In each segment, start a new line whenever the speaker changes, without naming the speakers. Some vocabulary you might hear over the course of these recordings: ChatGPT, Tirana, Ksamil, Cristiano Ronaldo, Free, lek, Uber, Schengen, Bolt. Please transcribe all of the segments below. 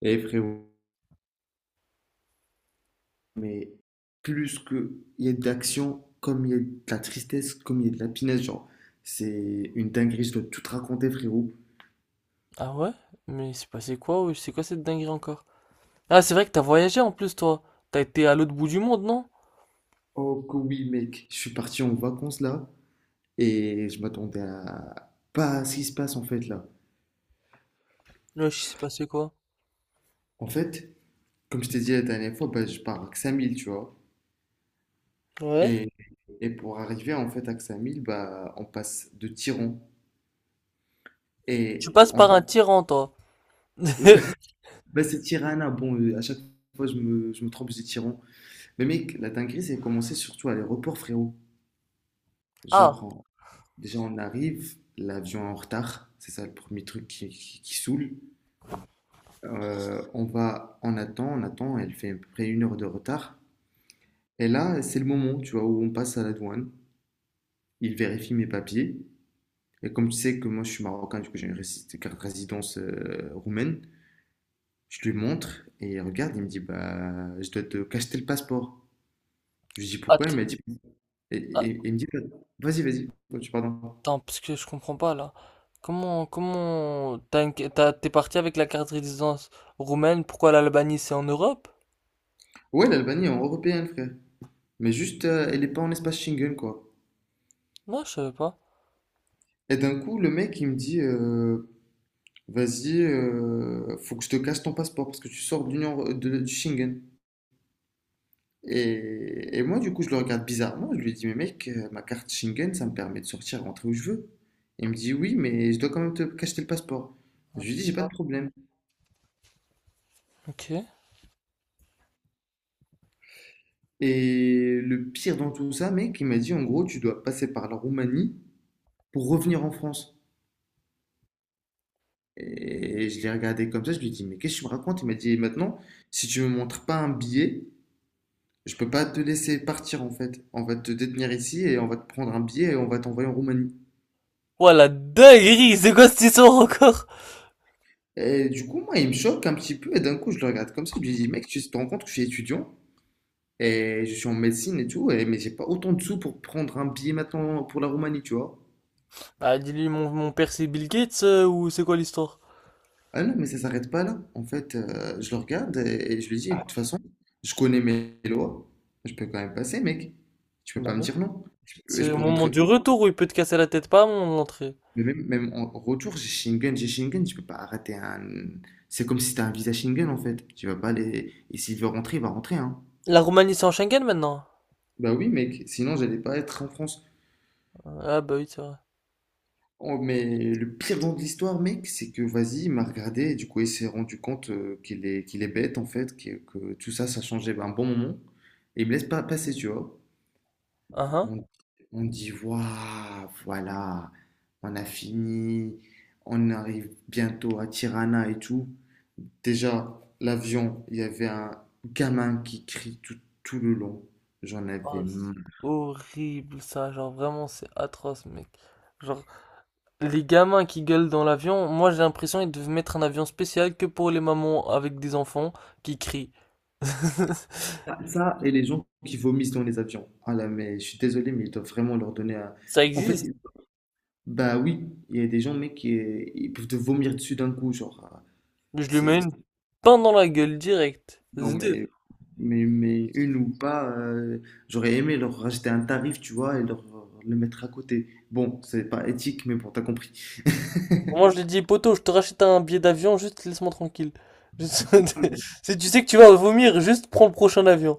Et frérot, mais plus que il y a d'action, comme il y a de la tristesse, comme il y a de la pinaise, genre, c'est une dinguerie, je dois tout te raconter, frérot.
Ah ouais? Mais c'est passé quoi? Wesh, c'est quoi cette dinguerie encore? Ah, c'est vrai que t'as voyagé en plus, toi. T'as été à l'autre bout du monde, non?
Oh que oui, mec, je suis parti en vacances là, et je m'attendais à pas à ce qui se passe en fait là.
Là, je sais passé quoi?
En fait, comme je t'ai dit la dernière fois, bah, je pars à Ksamil, tu vois.
Ouais.
Et, et pour arriver en fait à Ksamil, bah, on passe de Tiran. Et
Tu passes
en
par
fait,
un tyran, toi.
bah, c'est Tirana, bon, à chaque fois je me trompe, je dis Tiran. Mais mec, la dinguerie, c'est commencé surtout à l'aéroport, frérot. Genre,
Ah,
déjà, on arrive, l'avion est en retard, c'est ça le premier truc qui saoule. On va, on attend, elle fait à peu près 1 heure de retard. Et là, c'est le moment, tu vois, où on passe à la douane. Il vérifie mes papiers. Et comme tu sais que moi, je suis marocain, du coup, j'ai une carte résidence roumaine, je lui montre et il regarde, il me dit, bah, je dois te cacheter le passeport. Je lui dis pourquoi,
att-
il m'a dit, et il me dit, vas-y, vas-y. Oh, pardon.
attends, parce que je comprends pas là. Comment, t'es parti avec la carte de résidence roumaine, pourquoi l'Albanie c'est en Europe?
Ouais, l'Albanie est en européenne, frère. Mais juste, elle n'est pas en espace Schengen, quoi.
Non, je savais pas.
Et d'un coup, le mec, il me dit, vas-y, faut que je te casse ton passeport parce que tu sors de l'Union, du Schengen. Et moi, du coup, je le regarde bizarrement. Je lui dis, mais mec, ma carte Schengen, ça me permet de sortir, rentrer où je veux. Il me dit, oui, mais je dois quand même te cacher le passeport. Je lui dis, j'ai pas de problème.
Ok.
Et le pire dans tout ça, mec, il m'a dit, en gros, tu dois passer par la Roumanie pour revenir en France. Et je l'ai regardé comme ça, je lui ai dit, mais qu'est-ce que tu me racontes? Il m'a dit, maintenant, si tu me montres pas un billet, je peux pas te laisser partir en fait. On va te détenir ici et on va te prendre un billet et on va t'envoyer en Roumanie.
Ouah, la dinguerie, c'est quoi cette histoire encore?
Et du coup, moi, il me choque un petit peu et d'un coup, je le regarde comme ça, je lui dis, mec, tu te rends compte que je suis étudiant et je suis en médecine et tout, et, mais j'ai pas autant de sous pour prendre un billet maintenant pour la Roumanie, tu vois.
Bah, dis-lui, mon père c'est Bill Gates ou c'est quoi l'histoire?
Ah non, mais ça s'arrête pas là. En fait, je le regarde et je lui dis, de toute façon, je connais mes lois. Je peux quand même passer, mec. Tu peux
Bah
pas me
oui.
dire non. Je peux,
C'est
je
au
peux
moment
rentrer
du
où?
retour où il peut te casser la tête, pas à mon entrée.
Mais même, même en retour, j'ai Schengen, j'ai Schengen. Tu peux pas arrêter un. C'est comme si t'as un visa Schengen, en fait. Tu vas pas aller. Et s'il veut rentrer, il va rentrer, hein.
La Roumanie, c'est en Schengen maintenant?
Bah oui, mec. Sinon, j'allais pas être en France.
Ah bah oui, c'est vrai.
Oh, mais le pire dans de l'histoire, mec, c'est que vas-y, il m'a regardé et du coup, il s'est rendu compte qu'il est bête en fait, que tout ça, ça changeait un bon moment. Et il me laisse pas passer, tu vois.
Ah hein.
On, on dit, waouh, voilà, on a fini, on arrive bientôt à Tirana et tout. Déjà, l'avion, il y avait un gamin qui crie tout, tout le long. J'en avais
Oh,
marre.
c'est horrible ça, genre vraiment c'est atroce mec. Genre les gamins qui gueulent dans l'avion, moi j'ai l'impression qu'ils devaient mettre un avion spécial que pour les mamans avec des enfants qui crient.
Ah, ça, et les gens qui vomissent dans les avions. Ah là, mais je suis désolé, mais ils doivent vraiment leur donner un…
Ça
En fait,
existe.
bah oui, il y a des gens, mec, qui ils peuvent te vomir dessus d'un coup, genre. Ah,
Je lui mets
C'est... c'est-
une pain dans la gueule direct.
non, mais,
Zdev.
une ou pas, j'aurais aimé leur rajouter un tarif, tu vois, et leur le mettre à côté. Bon, c'est pas éthique, mais bon, t'as compris.
Moi, je lui ai dit, poto, je te rachète un billet d'avion, juste laisse-moi tranquille. Juste- Si tu sais que tu vas vomir, juste prends le prochain avion.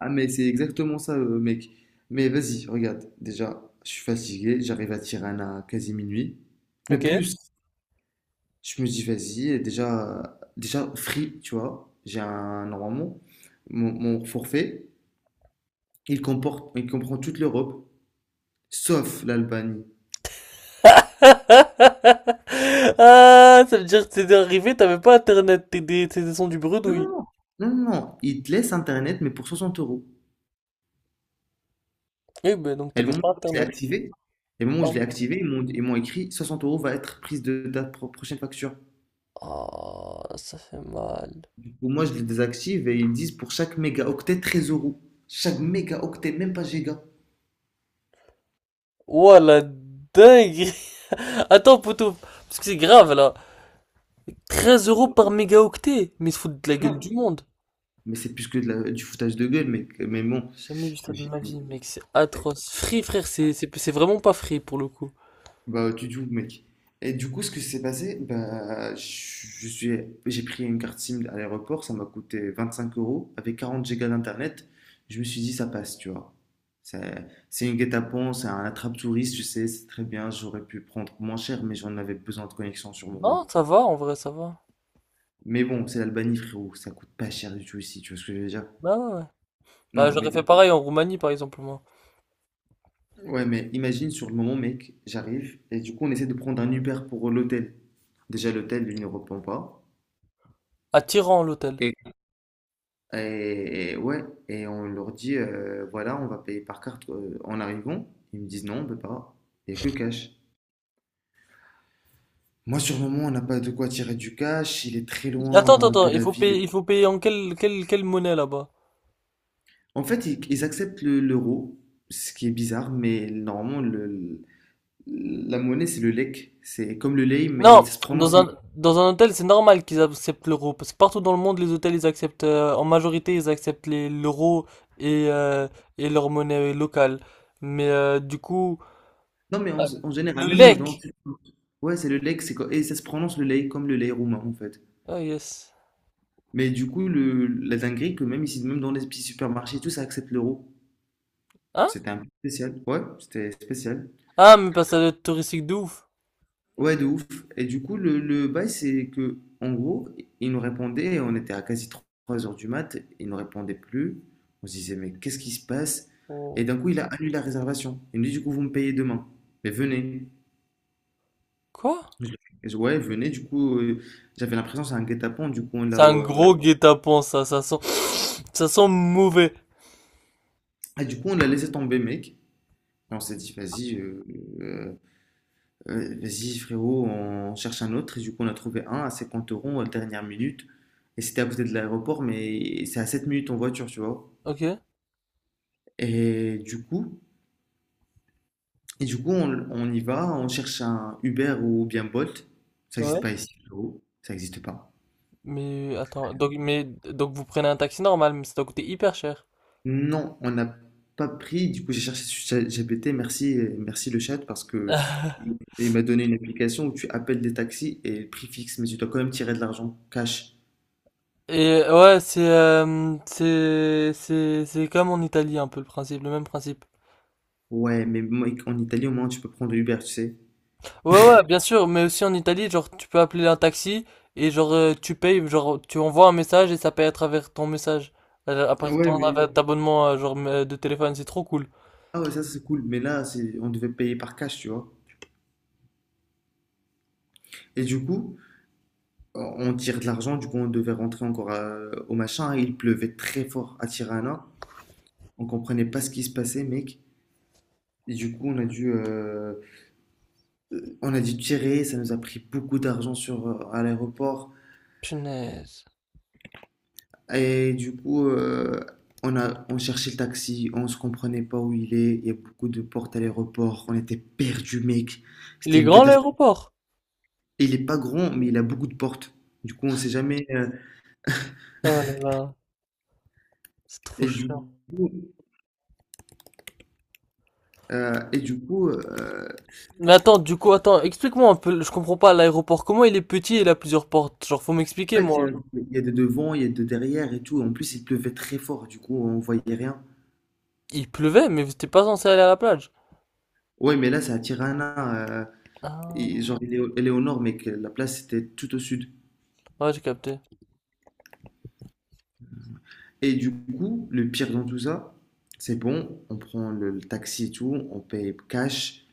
Ah, mais c'est exactement ça, mec. Mais vas-y, regarde, déjà, je suis fatigué, j'arrive à Tirana à quasi minuit. Mais
Ok?
plus, Je me dis, vas-y, et déjà, Free, tu vois, normalement, mon forfait, il comprend toute l'Europe, sauf l'Albanie.
Ah, ça veut dire que t'es arrivé, t'avais pas internet, t'es des sons du
Non,
bredouille.
non, non, non, non, il te laisse Internet, mais pour 60 euros.
Oui, ben donc
Et le
t'avais
moment
pas
où je l'ai
internet.
activé,
Oh,
ils m'ont écrit 60 euros va être prise de ta prochaine facture.
Oh, ça fait mal.
Ou moi, je les désactive et ils disent pour chaque mégaoctet, 13 euros. Chaque mégaoctet, même pas giga.
Ouah, la dingue! Attends, poto, parce que c'est grave là. 13 euros par mégaoctet, mais ils se foutent de la gueule du
Non.
monde.
Mais c'est plus que du foutage de gueule, mec. Mais bon,
J'ai jamais vu ça de
j'ai-
ma vie, mec, c'est atroce. Free, frère, c'est vraiment pas free pour le coup.
bah, tu joues, mec. Et du coup, ce que s'est passé, bah, j'ai pris une carte SIM à l'aéroport, ça m'a coûté 25 euros, avec 40 gigas d'internet. Je me suis dit, ça passe, tu vois. C'est une guet-apens, c'est un attrape-touriste, je sais, c'est très bien, j'aurais pu prendre moins cher, mais j'en avais besoin de connexion sur le moment.
Non, ça va, en vrai, ça va.
Mais bon, c'est l'Albanie, frérot, ça coûte pas cher du tout ici, tu vois ce que je veux dire?
Bah ouais, ouais. Bah
Non,
j'aurais
mais,
fait pareil en Roumanie, par exemple, moi.
ouais, mais imagine sur le moment, mec, j'arrive, et du coup, on essaie de prendre un Uber pour l'hôtel. Déjà, l'hôtel, il ne répond pas.
À Tiran, l'hôtel.
Et ouais, et on leur dit, voilà, on va payer par carte en arrivant. Ils me disent, non, on peut pas. Il n'y a que cash. Moi, sur le moment, on n'a pas de quoi tirer du cash. Il est très
Attends, attends,
loin
attends,
de la ville.
il faut payer en quelle monnaie là-bas?
En fait, ils acceptent l'euro, ce qui est bizarre, mais normalement, la monnaie, c'est le lek. C'est comme le lei, mais
Non,
ça se prononce lei.
dans un hôtel, c'est normal qu'ils acceptent l'euro, parce que partout dans le monde, les hôtels, ils acceptent, en majorité, ils acceptent l'euro et, euh, et leur monnaie locale. Mais du coup,
Non, mais en,
euh,
en général,
le
même les dents.
lek.
Ouais, c'est le lek, et ça se prononce le lei comme le lei roumain, en fait.
Ah, yes.
Mais du coup, la dinguerie, que même ici, même dans les petits supermarchés, et tout ça accepte l'euro.
Hein?
C'était un peu spécial. Ouais, c'était spécial.
Ah, mais passage touristique de ouf.
Ouais, de ouf. Et du coup, le bail, c'est que, en gros, il nous répondait, on était à quasi 3 heures du mat, il nous répondait plus. On se disait, mais qu'est-ce qui se passe? Et
Oh.
d'un coup, il a annulé la réservation. Il nous dit, du coup, vous me payez demain. Mais venez.
Quoi?
Je- Ouais, venez. Du coup, j'avais l'impression que c'est un guet-apens. Du coup,
C'est un gros guet-apens, ça. Ça sent mauvais.
ah, du coup, on l'a laissé tomber, mec. Et on s'est dit, vas-y, euh, vas-y, frérot, on cherche un autre. Et du coup, on a trouvé un à 50 euros à la dernière minute. Et c'était à côté de l'aéroport, mais c'est à 7 minutes en voiture, tu vois.
Ok.
Et du coup, et du coup on y va, on cherche un Uber ou bien Bolt. Ça n'existe pas
Ouais.
ici, frérot. Ça n'existe pas.
Mais attends, donc, mais, donc vous prenez un taxi normal, mais ça doit coûter hyper cher.
Non, on n'a pas pris. Du coup, j'ai cherché sur ChatGPT. Merci le chat parce que il m'a donné une application où tu appelles des taxis et le prix fixe, mais tu dois quand même tirer de l'argent cash.
Et ouais, c'est c'est comme en Italie un peu le principe, le même principe.
Ouais, mais moi, en Italie, au moins, tu peux prendre Uber, tu sais.
Ouais ouais, bien sûr, mais aussi en Italie, genre tu peux appeler un taxi et genre tu payes, genre tu envoies un message et ça paye à travers ton message, à
Ouais, mais…
travers ton abonnement genre de téléphone, c'est trop cool.
Ah ouais, ça c'est cool. Mais là, c'est… on devait payer par cash, tu vois. Et du coup, on tire de l'argent, du coup, on devait rentrer encore au machin. Il pleuvait très fort à Tirana. On comprenait pas ce qui se passait, mec. Et du coup, on a dû tirer. Ça nous a pris beaucoup d'argent à l'aéroport.
Punaise.
Et du coup, on cherchait le taxi. On se comprenait pas où il est. Il y a beaucoup de portes à l'aéroport. On était perdus, mec.
Il
C'était
est
une
grand
catastrophe.
l'aéroport?
Et il est pas grand, mais il a beaucoup de portes. Du coup, on sait jamais.
Ah là là, c'est trop
Et du
chiant.
coup, et du coup
Mais attends, du coup, attends, explique-moi un peu, je comprends pas l'aéroport. Comment il est petit et il a plusieurs portes? Genre, faut m'expliquer,
En fait, il y a,
moi.
il y a de devant, il y a de derrière et tout. En plus, il pleuvait très fort. Du coup, on voyait rien.
Il pleuvait, mais vous t'es pas censé aller à la plage.
Ouais, mais là, c'est à Tirana. Et
Ah,
genre, elle est au nord, mais que la place était tout au sud.
ouais, j'ai capté.
Et du coup, le pire dans tout ça, c'est bon. On prend le taxi et tout. On paye cash.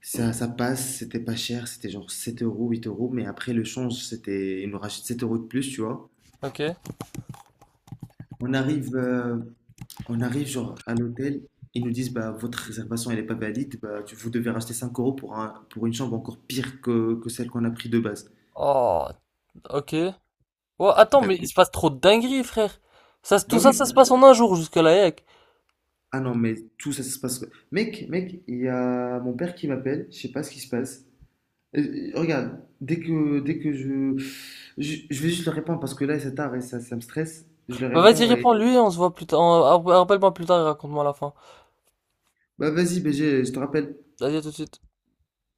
Ça passe. C'était pas cher. C'était genre 7 euros, 8 euros. Mais après, le change, c'était. Ils nous rachètent 7 euros de plus, tu vois.
Ok.
On arrive, euh, on arrive genre à l'hôtel, ils nous disent bah votre réservation elle est pas valide, bah vous devez racheter 5 euros pour pour une chambre encore pire que celle qu'on a pris de base.
Oh, ok. Ouais, attends, mais il
D'accord.
se passe trop de dingueries, frère.
Bah
Tout
oui.
ça, ça se passe en un jour jusque-là, yec.
Ah non mais tout ça, ça se passe. Mec, il y a mon père qui m'appelle, je sais pas ce qui se passe. Regarde, dès que je vais juste le répondre parce que là c'est tard et ça me stresse. Je le
Bah, vas-y,
réponds et
réponds-lui, on se voit plus tard. On- Rappelle-moi plus tard et raconte-moi la fin.
bah vas-y BG, je te rappelle.
Vas-y, à tout de suite.